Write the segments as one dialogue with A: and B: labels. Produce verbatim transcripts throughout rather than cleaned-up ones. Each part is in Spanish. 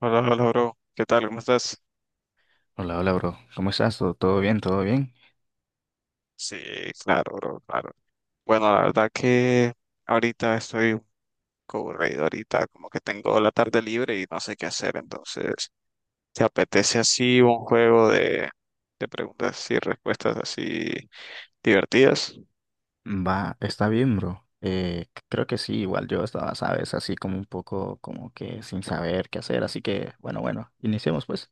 A: Hola, hola, bro. ¿Qué tal? ¿Cómo estás?
B: Hola, hola, bro. ¿Cómo estás? ¿Todo, todo bien? ¿Todo bien?
A: Sí, claro, bro, claro. Bueno, la verdad que ahorita estoy un poco aburrido, ahorita como que tengo la tarde libre y no sé qué hacer, entonces, ¿te apetece así un juego de, de preguntas y respuestas así divertidas?
B: Va, está bien, bro. Eh, c- creo que sí, igual yo estaba, sabes, así como un poco como que sin saber qué hacer, así que, bueno, bueno, iniciemos pues.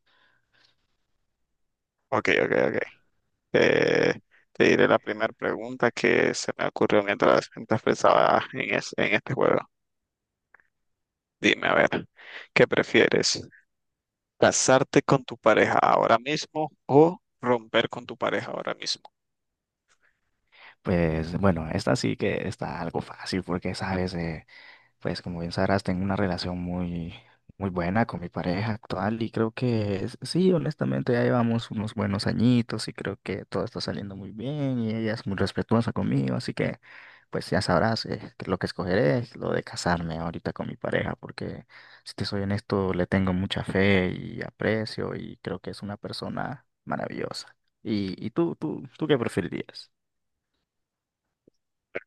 A: Ok, ok, ok. Eh, Te diré la primera pregunta que se me ocurrió mientras, mientras pensaba en, es- en este juego. Dime, a ver, ¿qué prefieres? ¿Casarte con tu pareja ahora mismo o romper con tu pareja ahora mismo?
B: Pues, bueno, esta sí que está algo fácil porque, sabes, eh, pues como bien sabrás, tengo una relación muy, muy buena con mi pareja actual y creo que es- sí, honestamente ya llevamos unos buenos añitos y creo que todo está saliendo muy bien y ella es muy respetuosa conmigo, así que pues ya sabrás, eh, que lo que escogeré es lo de casarme ahorita con mi pareja, porque si te soy honesto, le tengo mucha fe y aprecio y creo que es una persona maravillosa. ¿Y, y tú, tú, tú qué preferirías?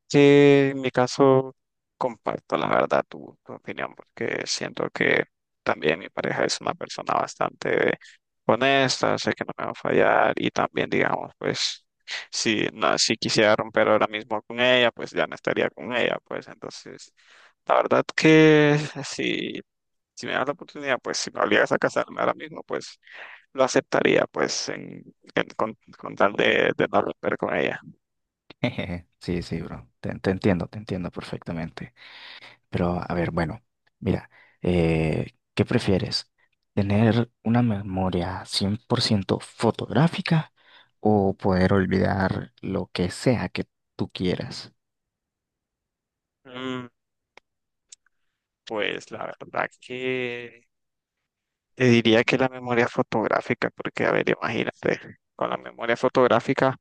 A: Que en mi caso comparto la verdad tu, tu opinión porque siento que también mi pareja es una persona bastante honesta, sé que no me va a fallar y también digamos pues si no, si quisiera romper ahora mismo con ella, pues ya no estaría con ella, pues entonces la verdad que si, si me das la oportunidad, pues si me obligas a casarme ahora mismo, pues lo aceptaría, pues, en, en- con, con tal de, de no romper con ella.
B: Sí, sí, bro, te te entiendo, te entiendo perfectamente. Pero a ver, bueno, mira, eh, ¿qué prefieres? ¿Tener una memoria cien por ciento fotográfica o poder olvidar lo que sea que tú quieras?
A: Mm, Pues la verdad que te diría que la memoria fotográfica, porque a ver, imagínate, con la memoria fotográfica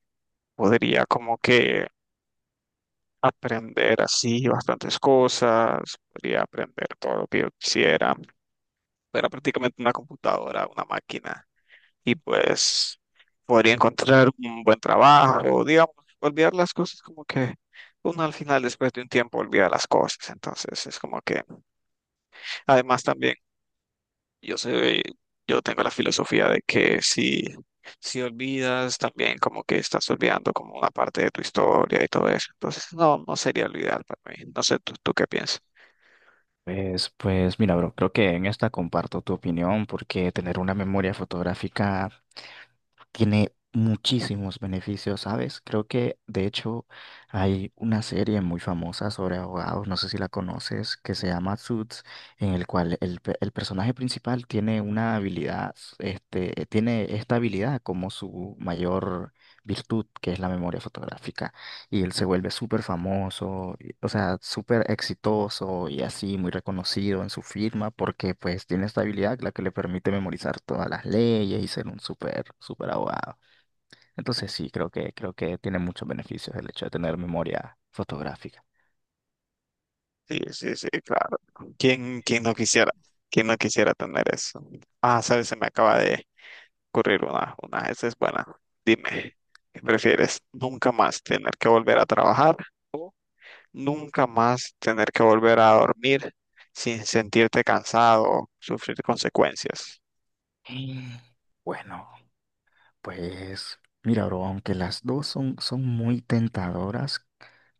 A: podría como que aprender así bastantes cosas, podría aprender todo lo que yo quisiera. Era prácticamente una computadora, una máquina. Y pues podría encontrar un buen trabajo, digamos. Olvidar las cosas, como que uno al final después de un tiempo olvida las cosas, entonces es como que, además, también yo soy, yo tengo la filosofía de que si, si olvidas, también como que estás olvidando como una parte de tu historia y todo eso, entonces no, no sería olvidar para mí, no sé, ¿tú, tú qué piensas?
B: Pues, pues mira, bro, creo que en esta comparto tu opinión, porque tener una memoria fotográfica tiene muchísimos beneficios, ¿sabes? Creo que, de hecho, hay una serie muy famosa sobre abogados, no sé si la conoces, que se llama Suits, en el cual el, pe- el personaje principal tiene una habilidad, este, tiene esta habilidad como su mayor virtud, que es la memoria fotográfica, y él se vuelve súper famoso, y- o sea, súper exitoso y así muy reconocido en su firma, porque pues tiene esta habilidad, la que le permite memorizar todas las leyes y ser un súper, súper abogado. Entonces sí, creo que, creo que tiene muchos beneficios el hecho de tener memoria fotográfica.
A: Sí, sí, sí, claro. ¿Quién, quién no quisiera, quién no quisiera tener eso? Ah, sabes, se me acaba de ocurrir una. Una, esa es buena. Dime, ¿qué prefieres? ¿Nunca más tener que volver a trabajar? Nunca más tener que volver a dormir sin sentirte cansado o sufrir consecuencias.
B: Y, Bueno. Pues mira, bro, aunque las dos son, son muy tentadoras,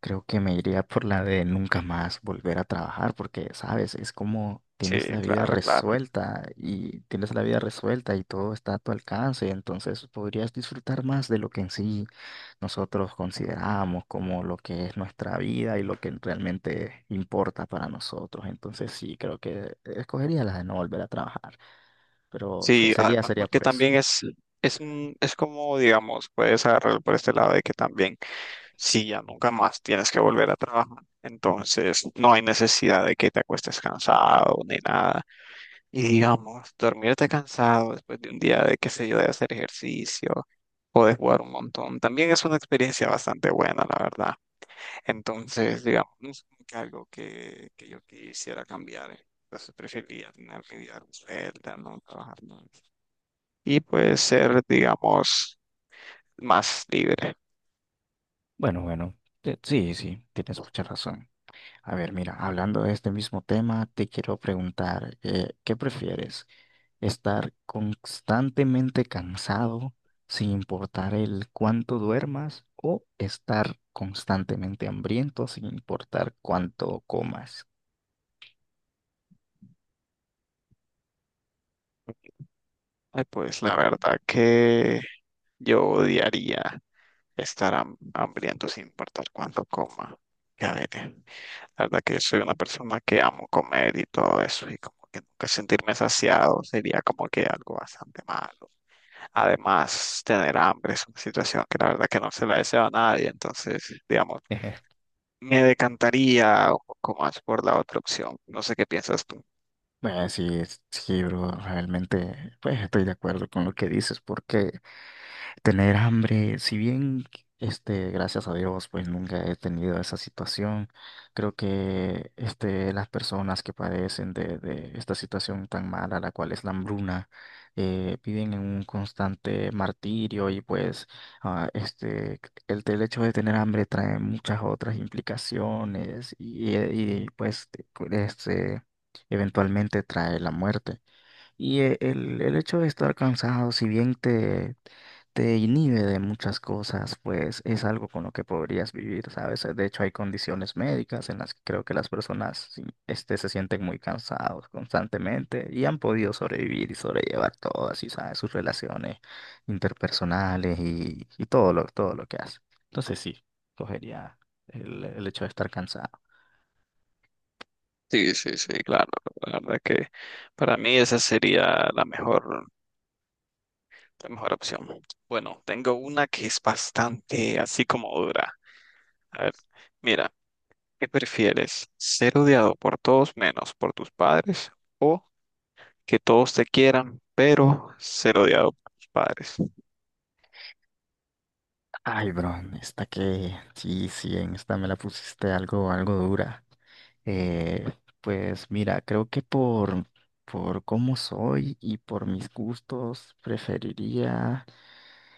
B: creo que me iría por la de nunca más volver a trabajar, porque, sabes, es como
A: Sí,
B: tienes la vida
A: claro, claro.
B: resuelta y tienes la vida resuelta y todo está a tu alcance, entonces podrías disfrutar más de lo que en sí nosotros consideramos como lo que es nuestra vida y lo que realmente importa para nosotros. Entonces sí, creo que escogería la de no volver a trabajar, pero se-
A: Sí, a-
B: sería,
A: a-
B: sería
A: porque
B: por eso.
A: también es, es un, es como, digamos, puedes agarrarlo por este lado de que también, si ya nunca más tienes que volver a trabajar, entonces no hay necesidad de que te acuestes cansado ni nada. Y digamos, dormirte cansado después de un día de, qué sé yo, de hacer ejercicio o de jugar un montón, también es una experiencia bastante buena, la verdad. Entonces, digamos, no es como que algo que, que yo quisiera cambiar. eh. Entonces preferiría tener mi vida resuelta, no trabajar más. Y puede ser, digamos, más libre.
B: Bueno, bueno, eh, sí, sí, tienes mucha razón. A ver, mira, hablando de este mismo tema, te quiero preguntar, eh, ¿qué prefieres? ¿Estar constantemente cansado sin importar el cuánto duermas o estar constantemente hambriento sin importar cuánto comas?
A: Ay, pues la verdad que yo odiaría estar ham- hambriento sin importar cuánto coma. Ya veré. La verdad que yo soy una persona que amo comer y todo eso, y como que nunca sentirme saciado sería como que algo bastante malo. Además, tener hambre es una situación que la verdad que no se la deseo a nadie, entonces, digamos, me decantaría un poco más por la otra opción. No sé qué piensas tú.
B: Bueno, sí, es- sí, bro, realmente pues, estoy de acuerdo con lo que dices, porque tener hambre, si bien, este, gracias a Dios, pues nunca he tenido esa situación, creo que, este, las personas que padecen de, de esta situación tan mala, la cual es la hambruna, eh, viven en un constante martirio, y pues, ah, este, el, el hecho de tener hambre trae muchas otras implicaciones, y, y pues, este, eventualmente trae la muerte. Y, eh, el, el hecho de estar cansado, si bien te, te inhibe de muchas cosas, pues es algo con lo que podrías vivir, ¿sabes? De hecho, hay condiciones médicas en las que creo que las personas sí, este, se sienten muy cansados constantemente y han podido sobrevivir y sobrellevar todo así, ¿sabes? Sus relaciones interpersonales y, y todo lo, todo lo que hace. Entonces sí, cogería el, el hecho de estar cansado.
A: Sí, sí, sí, claro. La verdad que para mí esa sería la mejor La mejor opción. Bueno, tengo una que es bastante así como dura. A ver, mira, ¿qué prefieres? ¿Ser odiado por todos menos por tus padres, o que todos te quieran pero ser odiado por tus padres?
B: Ay, bro, esta que sí, sí, en esta me la pusiste algo, algo dura. Eh, pues mira, creo que por, por cómo soy y por mis gustos, preferiría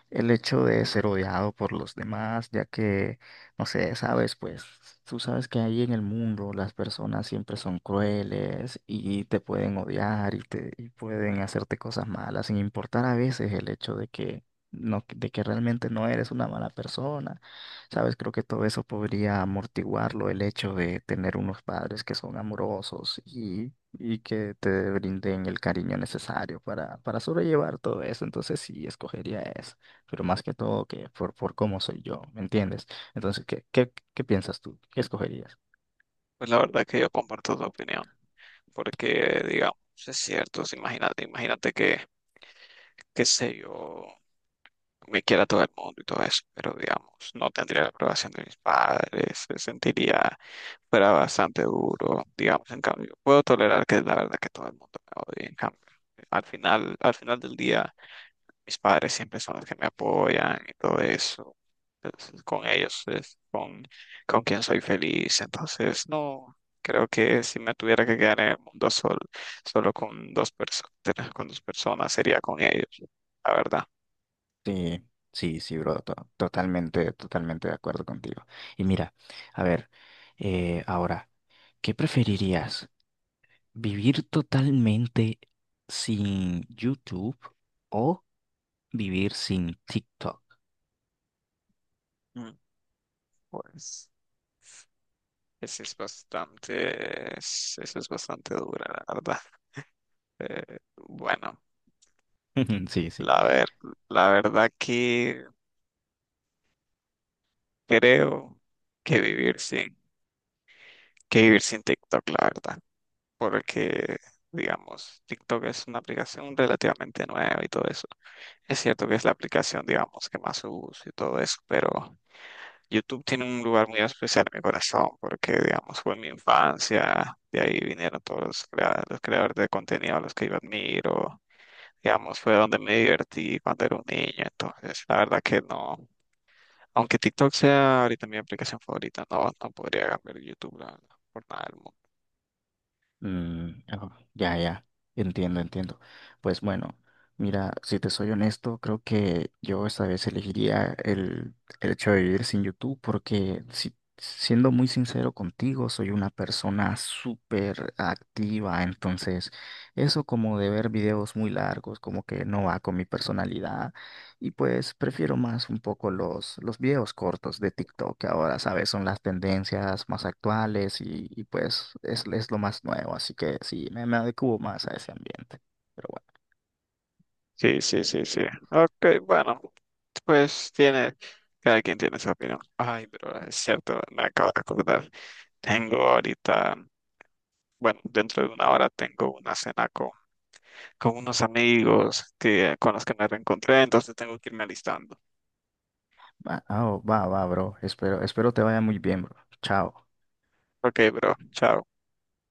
B: el hecho de ser odiado por los demás, ya que, no sé, sabes, pues tú sabes que ahí en el mundo las personas siempre son crueles y te pueden odiar y te y pueden hacerte cosas malas, sin importar a veces el hecho de que no, de que realmente no eres una mala persona. Sabes, creo que todo eso podría amortiguarlo el hecho de tener unos padres que son amorosos y y que te brinden el cariño necesario para, para sobrellevar todo eso. Entonces sí, escogería eso, pero más que todo que por, por cómo soy yo, ¿me entiendes? Entonces, ¿qué, qué, qué piensas tú? ¿Qué escogerías?
A: Pues la verdad que yo comparto tu opinión, porque digamos, es cierto, si imagínate, imagínate que, qué sé yo, me quiera todo el mundo y todo eso, pero digamos, no tendría la aprobación de mis padres, se sentiría fuera bastante duro, digamos. En cambio, puedo tolerar que la verdad que todo el mundo me odie, en cambio, al final, al final del día, mis padres siempre son los que me apoyan y todo eso. Entonces, con ellos es con, con quien soy feliz. Entonces, no, creo que si me tuviera que quedar en el mundo sol, solo con dos personas, con dos personas, sería con ellos, la verdad.
B: Sí, sí, sí, bro, to- totalmente, totalmente de acuerdo contigo. Y mira, a ver, eh, ahora, ¿qué preferirías? ¿Vivir totalmente sin YouTube o vivir sin TikTok?
A: Mm, Pues eso es bastante, es- eso es bastante dura, la verdad. Eh, bueno,
B: Sí, sí.
A: la ver, la verdad que creo que vivir sin, que vivir sin TikTok, la verdad, porque digamos, TikTok es una aplicación relativamente nueva y todo eso. Es cierto que es la aplicación, digamos, que más uso y todo eso, pero YouTube tiene un lugar muy especial en mi corazón porque, digamos, fue mi infancia, de ahí vinieron todos los, crea- los creadores de contenido a los que yo admiro, digamos, fue donde me divertí cuando era un niño, entonces la verdad que no, aunque TikTok sea ahorita mi aplicación favorita, no, no podría cambiar YouTube, la- verdad, por nada del mundo.
B: Mm, oh, ya, ya, entiendo, entiendo. Pues bueno, mira, si te soy honesto, creo que yo esta vez elegiría el, el hecho de vivir sin YouTube, porque, si, siendo muy sincero contigo, soy una persona súper activa, entonces eso como de ver videos muy largos, como que no va con mi personalidad. Y pues prefiero más un poco los, los videos cortos de TikTok, que ahora, ¿sabes? Son las tendencias más actuales, y, y, pues es, es lo más nuevo, así que sí, me, me adecuo más a ese ambiente. Pero bueno.
A: Sí, sí, sí, sí. Ok, bueno, pues tiene, cada quien tiene su opinión. Ay, pero es cierto, me acabo de acordar. Tengo ahorita, bueno, dentro de una hora tengo una cena con, con unos amigos que, con los que me reencontré, entonces tengo que irme alistando.
B: Va, ah, oh, va, va, bro. Espero, espero te vaya muy bien, bro. Chao.
A: Ok, bro, chao.